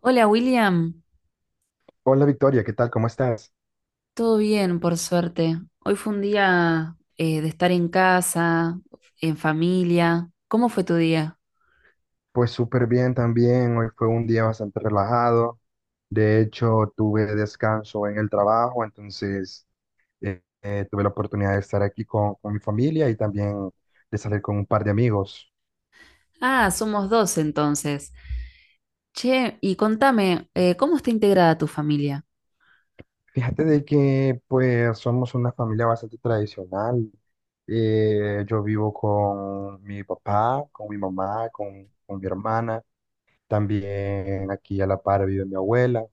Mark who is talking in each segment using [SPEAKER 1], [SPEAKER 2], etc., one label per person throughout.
[SPEAKER 1] Hola William,
[SPEAKER 2] Hola Victoria, ¿qué tal? ¿Cómo estás?
[SPEAKER 1] todo bien por suerte. Hoy fue un día de estar en casa, en familia. ¿Cómo fue tu día?
[SPEAKER 2] Pues súper bien también, hoy fue un día bastante relajado, de hecho tuve descanso en el trabajo, entonces tuve la oportunidad de estar aquí con mi familia y también de salir con un par de amigos.
[SPEAKER 1] Ah, somos dos entonces. Che, y contame, ¿cómo está integrada tu familia?
[SPEAKER 2] Fíjate de que pues somos una familia bastante tradicional, yo vivo con mi papá, con mi mamá, con mi hermana. También aquí a la par vive mi abuela.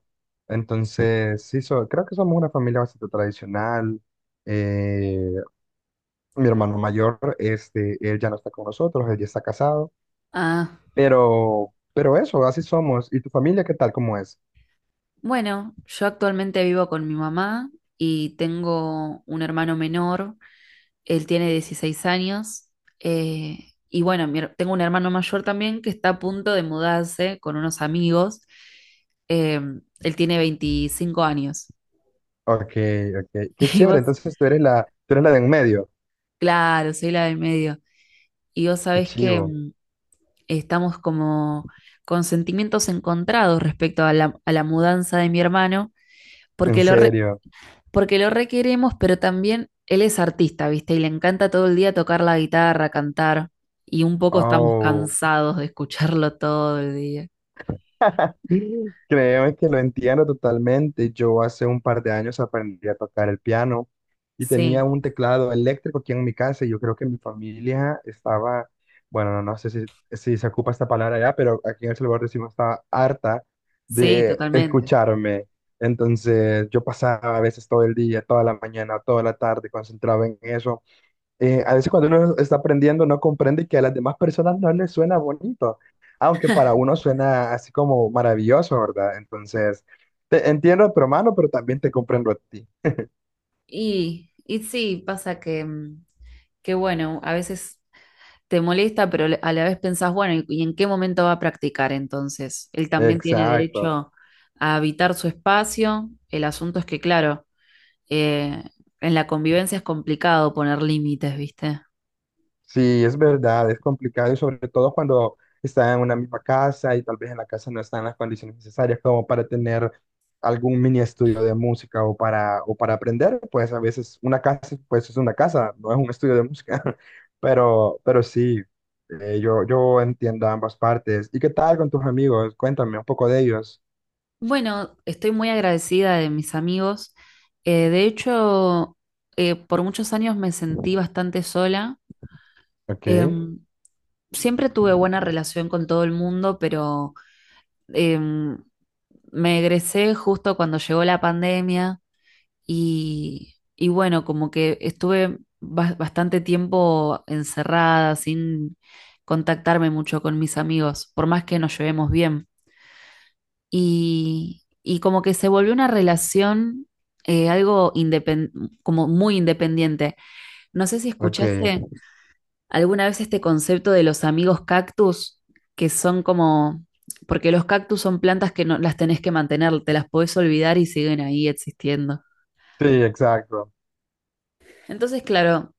[SPEAKER 2] Entonces, sí, creo que somos una familia bastante tradicional. Eh, Mi hermano mayor, él ya no está con nosotros, él ya está casado,
[SPEAKER 1] Ah,
[SPEAKER 2] pero, eso, así somos. ¿Y tu familia qué tal? ¿Cómo es?
[SPEAKER 1] bueno, yo actualmente vivo con mi mamá y tengo un hermano menor. Él tiene 16 años. eh, y bueno, tengo un hermano mayor también que está a punto de mudarse con unos amigos. eh, Él tiene 25 años.
[SPEAKER 2] Ok, ok, qué
[SPEAKER 1] Y
[SPEAKER 2] chévere.
[SPEAKER 1] vos,
[SPEAKER 2] Entonces tú eres la de en medio.
[SPEAKER 1] claro, soy la del medio. Y vos
[SPEAKER 2] Qué
[SPEAKER 1] sabés que
[SPEAKER 2] chivo,
[SPEAKER 1] estamos como con sentimientos encontrados respecto a a la mudanza de mi hermano,
[SPEAKER 2] en
[SPEAKER 1] porque lo
[SPEAKER 2] serio.
[SPEAKER 1] porque lo requeremos, pero también él es artista, ¿viste? Y le encanta todo el día tocar la guitarra, cantar, y un poco estamos
[SPEAKER 2] Oh.
[SPEAKER 1] cansados de escucharlo todo el día.
[SPEAKER 2] Sí, créeme que lo entiendo totalmente. Yo hace un par de años aprendí a tocar el piano y tenía
[SPEAKER 1] Sí,
[SPEAKER 2] un teclado eléctrico aquí en mi casa y yo creo que mi familia estaba, bueno, no, no sé si se ocupa esta palabra ya, pero aquí en El Salvador decimos estaba harta
[SPEAKER 1] sí,
[SPEAKER 2] de
[SPEAKER 1] totalmente.
[SPEAKER 2] escucharme. Entonces yo pasaba a veces todo el día, toda la mañana, toda la tarde concentrado en eso. A veces cuando uno está aprendiendo no comprende que a las demás personas no les suena bonito, aunque para uno suena así como maravilloso, ¿verdad? Entonces, te entiendo a tu hermano, pero también te comprendo a ti.
[SPEAKER 1] Y sí, pasa que, que bueno, a veces te molesta, pero a la vez pensás, bueno, ¿y, en qué momento va a practicar entonces? Él también tiene
[SPEAKER 2] Exacto.
[SPEAKER 1] derecho a habitar su espacio. El asunto es que, claro, eh, en la convivencia es complicado poner límites, ¿viste?
[SPEAKER 2] Sí, es verdad, es complicado y sobre todo cuando están en una misma casa y tal vez en la casa no están las condiciones necesarias como para tener algún mini estudio de música o para aprender, pues a veces una casa, pues es una casa, no es un estudio de música, pero, sí, yo, entiendo ambas partes. ¿Y qué tal con tus amigos? Cuéntame un poco de ellos.
[SPEAKER 1] Bueno, estoy muy agradecida de mis amigos. De hecho, por muchos años me sentí bastante sola.
[SPEAKER 2] Ok,
[SPEAKER 1] Em, siempre tuve buena relación con todo el mundo, pero em, me egresé justo cuando llegó la pandemia y bueno, como que estuve bastante tiempo encerrada, sin contactarme mucho con mis amigos, por más que nos llevemos bien. Y y como que se volvió una relación algo como muy independiente. No sé si
[SPEAKER 2] ok.
[SPEAKER 1] escuchaste alguna vez este concepto de los amigos cactus, que son como, porque los cactus son plantas que no las tenés que mantener, te las podés olvidar y siguen ahí existiendo.
[SPEAKER 2] Sí, exacto.
[SPEAKER 1] Entonces, claro,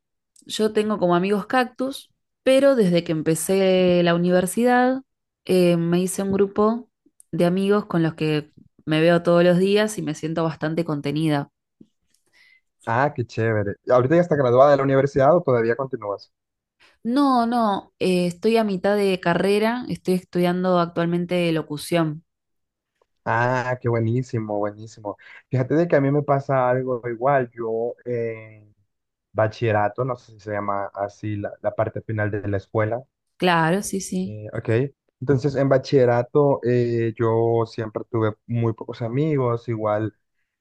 [SPEAKER 1] yo tengo como amigos cactus, pero desde que empecé la universidad me hice un grupo de amigos con los que me veo todos los días y me siento bastante contenida.
[SPEAKER 2] Ah, qué chévere. ¿Ahorita ya está graduada de la universidad o todavía continúas?
[SPEAKER 1] No, no, estoy a mitad de carrera, estoy estudiando actualmente locución.
[SPEAKER 2] Ah, qué buenísimo, buenísimo. Fíjate de que a mí me pasa algo igual. Yo en bachillerato, no sé si se llama así la parte final de la escuela,
[SPEAKER 1] Claro, sí, sí.
[SPEAKER 2] ¿ok? Entonces en bachillerato, yo siempre tuve muy pocos amigos, igual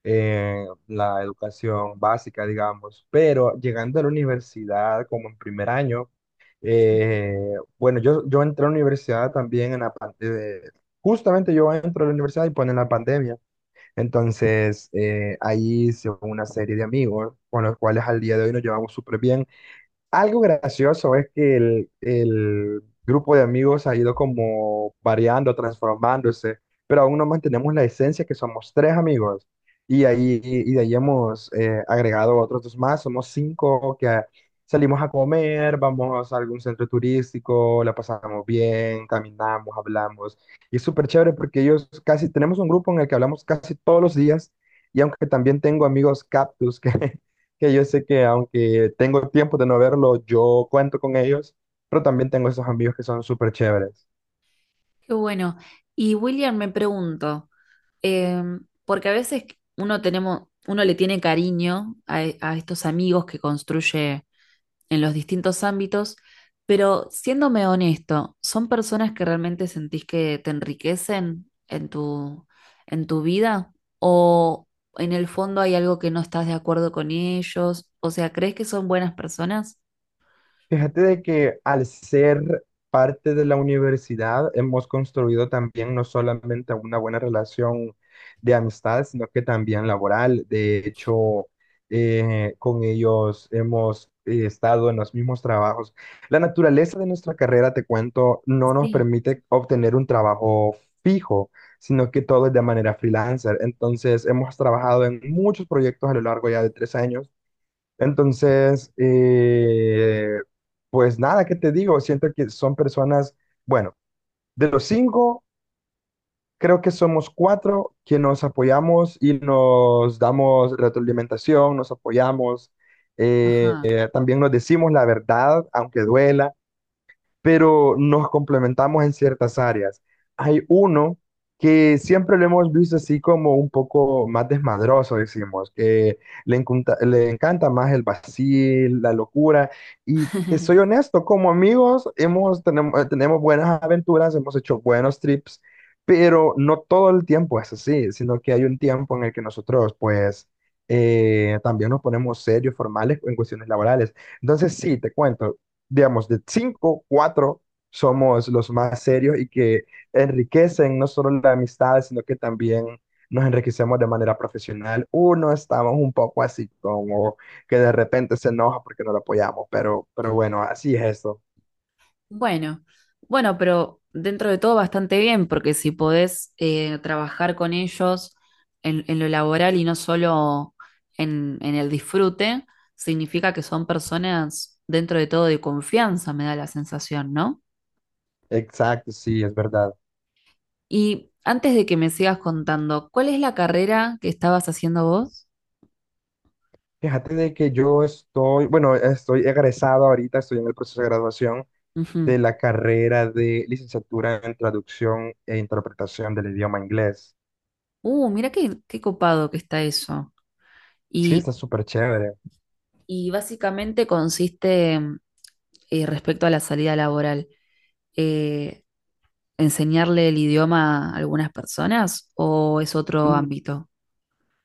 [SPEAKER 2] eh, la educación básica, digamos, pero llegando a la universidad como en primer año, bueno, yo, entré a la universidad también en la parte de. Justamente yo entro a la universidad y ponen la pandemia. Entonces, ahí hice una serie de amigos con los cuales al día de hoy nos llevamos súper bien. Algo gracioso es que el grupo de amigos ha ido como variando, transformándose, pero aún no mantenemos la esencia que somos tres amigos. Y de ahí hemos agregado otros dos más, somos cinco que salimos a comer, vamos a algún centro turístico, la pasamos bien, caminamos, hablamos. Y es súper chévere porque ellos casi, tenemos un grupo en el que hablamos casi todos los días. Y aunque también tengo amigos cactus que, que yo sé que aunque tengo tiempo de no verlo, yo cuento con ellos, pero también tengo esos amigos que son súper chéveres.
[SPEAKER 1] Qué bueno. Y William, me pregunto, porque a veces uno tenemos, uno le tiene cariño a a estos amigos que construye en los distintos ámbitos, pero siéndome honesto, ¿son personas que realmente sentís que te enriquecen en en tu vida? ¿O en el fondo hay algo que no estás de acuerdo con ellos? O sea, ¿crees que son buenas personas?
[SPEAKER 2] Fíjate de que al ser parte de la universidad hemos construido también no solamente una buena relación de amistad, sino que también laboral. De hecho, con ellos hemos estado en los mismos trabajos. La naturaleza de nuestra carrera, te cuento, no nos
[SPEAKER 1] Sí.
[SPEAKER 2] permite obtener un trabajo fijo, sino que todo es de manera freelancer. Entonces, hemos trabajado en muchos proyectos a lo largo ya de 3 años, entonces, pues nada, ¿qué te digo? Siento que son personas, bueno, de los cinco, creo que somos cuatro que nos apoyamos y nos damos retroalimentación, nos apoyamos,
[SPEAKER 1] Ajá.
[SPEAKER 2] también nos decimos la verdad, aunque duela, pero nos complementamos en ciertas áreas. Hay uno que siempre lo hemos visto así como un poco más desmadroso, decimos, que le encanta más el vacil, la locura, y te soy honesto, como amigos tenemos buenas aventuras, hemos hecho buenos trips, pero no todo el tiempo es así, sino que hay un tiempo en el que nosotros, pues, también nos ponemos serios, formales en cuestiones laborales. Entonces, sí, te cuento, digamos, de cinco, cuatro somos los más serios y que enriquecen no solo la amistad, sino que también nos enriquecemos de manera profesional. Uno estamos un poco así como que de repente se enoja porque no lo apoyamos, pero, bueno, así es eso.
[SPEAKER 1] Bueno, bueno, pero dentro de todo bastante bien, porque si podés trabajar con ellos en lo laboral y no solo en el disfrute, significa que son personas dentro de todo de confianza, me da la sensación, ¿no?
[SPEAKER 2] Exacto, sí, es verdad.
[SPEAKER 1] Y antes de que me sigas contando, ¿cuál es la carrera que estabas haciendo vos?
[SPEAKER 2] Fíjate de que yo estoy, bueno, estoy egresado ahorita, estoy en el proceso de graduación
[SPEAKER 1] Ujú.
[SPEAKER 2] de la carrera de licenciatura en traducción e interpretación del idioma inglés.
[SPEAKER 1] Mira qué, qué copado que está eso.
[SPEAKER 2] Sí,
[SPEAKER 1] Y,
[SPEAKER 2] está súper chévere.
[SPEAKER 1] y básicamente consiste respecto a la salida laboral. eh, ¿Enseñarle el idioma a algunas personas o es otro ámbito?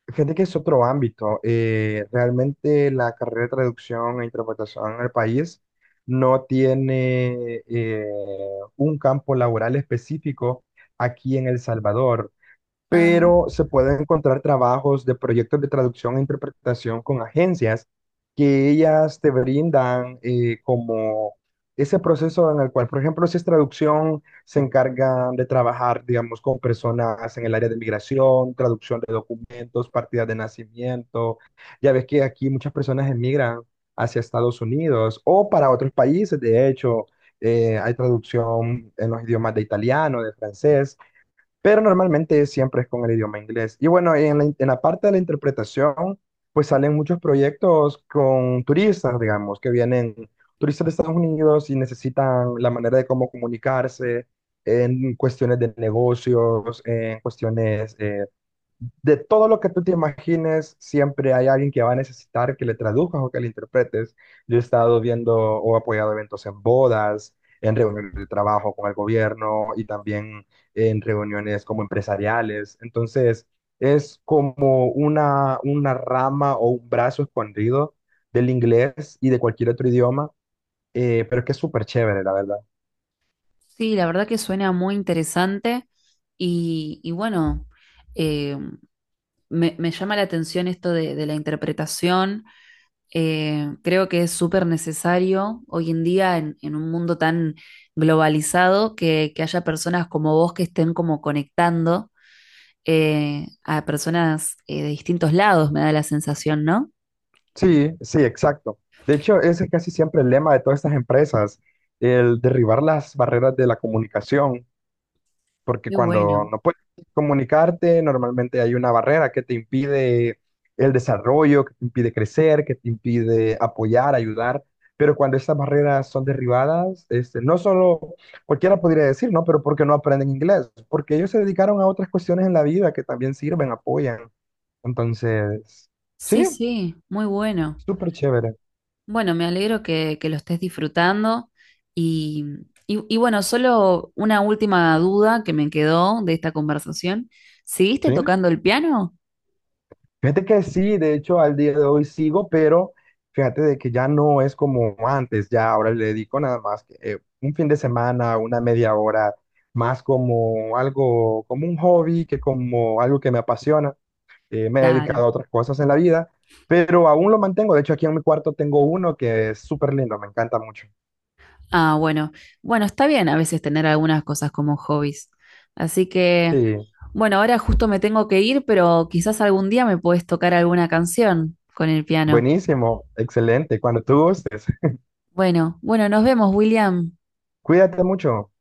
[SPEAKER 2] Fíjate que es otro ámbito. Realmente la carrera de traducción e interpretación en el país no tiene un campo laboral específico aquí en El Salvador,
[SPEAKER 1] Ah,
[SPEAKER 2] pero se pueden encontrar trabajos de proyectos de traducción e interpretación con agencias que ellas te brindan, como ese proceso en el cual, por ejemplo, si es traducción, se encargan de trabajar, digamos, con personas en el área de migración, traducción de documentos, partidas de nacimiento. Ya ves que aquí muchas personas emigran hacia Estados Unidos o para otros países, de hecho. Hay traducción en los idiomas de italiano, de francés, pero normalmente siempre es con el idioma inglés. Y bueno, en en la parte de la interpretación, pues salen muchos proyectos con turistas, digamos, que vienen turistas de Estados Unidos y necesitan la manera de cómo comunicarse en cuestiones de negocios, en cuestiones de todo lo que tú te imagines, siempre hay alguien que va a necesitar que le traduzcas o que le interpretes. Yo he estado viendo o apoyado eventos en bodas, en reuniones de trabajo con el gobierno y también en reuniones como empresariales. Entonces, es como una rama o un brazo escondido del inglés y de cualquier otro idioma, pero es que es súper chévere, la verdad.
[SPEAKER 1] sí, la verdad que suena muy interesante y bueno, eh, me llama la atención esto de la interpretación. Creo que es súper necesario hoy en día en un mundo tan globalizado que haya personas como vos que estén como conectando a personas de distintos lados, me da la sensación, ¿no?
[SPEAKER 2] Sí, sí, exacto. De hecho, ese es casi siempre el lema de todas estas empresas, el derribar las barreras de la comunicación, porque
[SPEAKER 1] Qué
[SPEAKER 2] cuando
[SPEAKER 1] bueno.
[SPEAKER 2] no puedes comunicarte, normalmente hay una barrera que te impide el desarrollo, que te impide crecer, que te impide apoyar, ayudar. Pero cuando estas barreras son derribadas, no solo cualquiera podría decir, ¿no? Pero porque no aprenden inglés, porque ellos se dedicaron a otras cuestiones en la vida que también sirven, apoyan. Entonces,
[SPEAKER 1] Sí,
[SPEAKER 2] sí,
[SPEAKER 1] sí, muy bueno.
[SPEAKER 2] súper chévere,
[SPEAKER 1] Bueno, me alegro que lo estés disfrutando y, y bueno, solo una última duda que me quedó de esta conversación. ¿Seguiste
[SPEAKER 2] ¿sí?
[SPEAKER 1] tocando el piano?
[SPEAKER 2] Fíjate que sí, de hecho al día de hoy sigo, pero fíjate de que ya no es como antes, ya ahora le dedico nada más que, un fin de semana, una media hora, más como algo, como un hobby que como algo que me apasiona. Me he
[SPEAKER 1] Claro.
[SPEAKER 2] dedicado a otras cosas en la vida, pero aún lo mantengo. De hecho aquí en mi cuarto tengo uno que es súper lindo, me encanta mucho.
[SPEAKER 1] Ah, bueno. Bueno, está bien a veces tener algunas cosas como hobbies. Así que,
[SPEAKER 2] Sí,
[SPEAKER 1] bueno, ahora justo me tengo que ir, pero quizás algún día me puedes tocar alguna canción con el piano.
[SPEAKER 2] buenísimo, excelente, cuando tú gustes.
[SPEAKER 1] Bueno, bueno, nos vemos, William.
[SPEAKER 2] Cuídate mucho.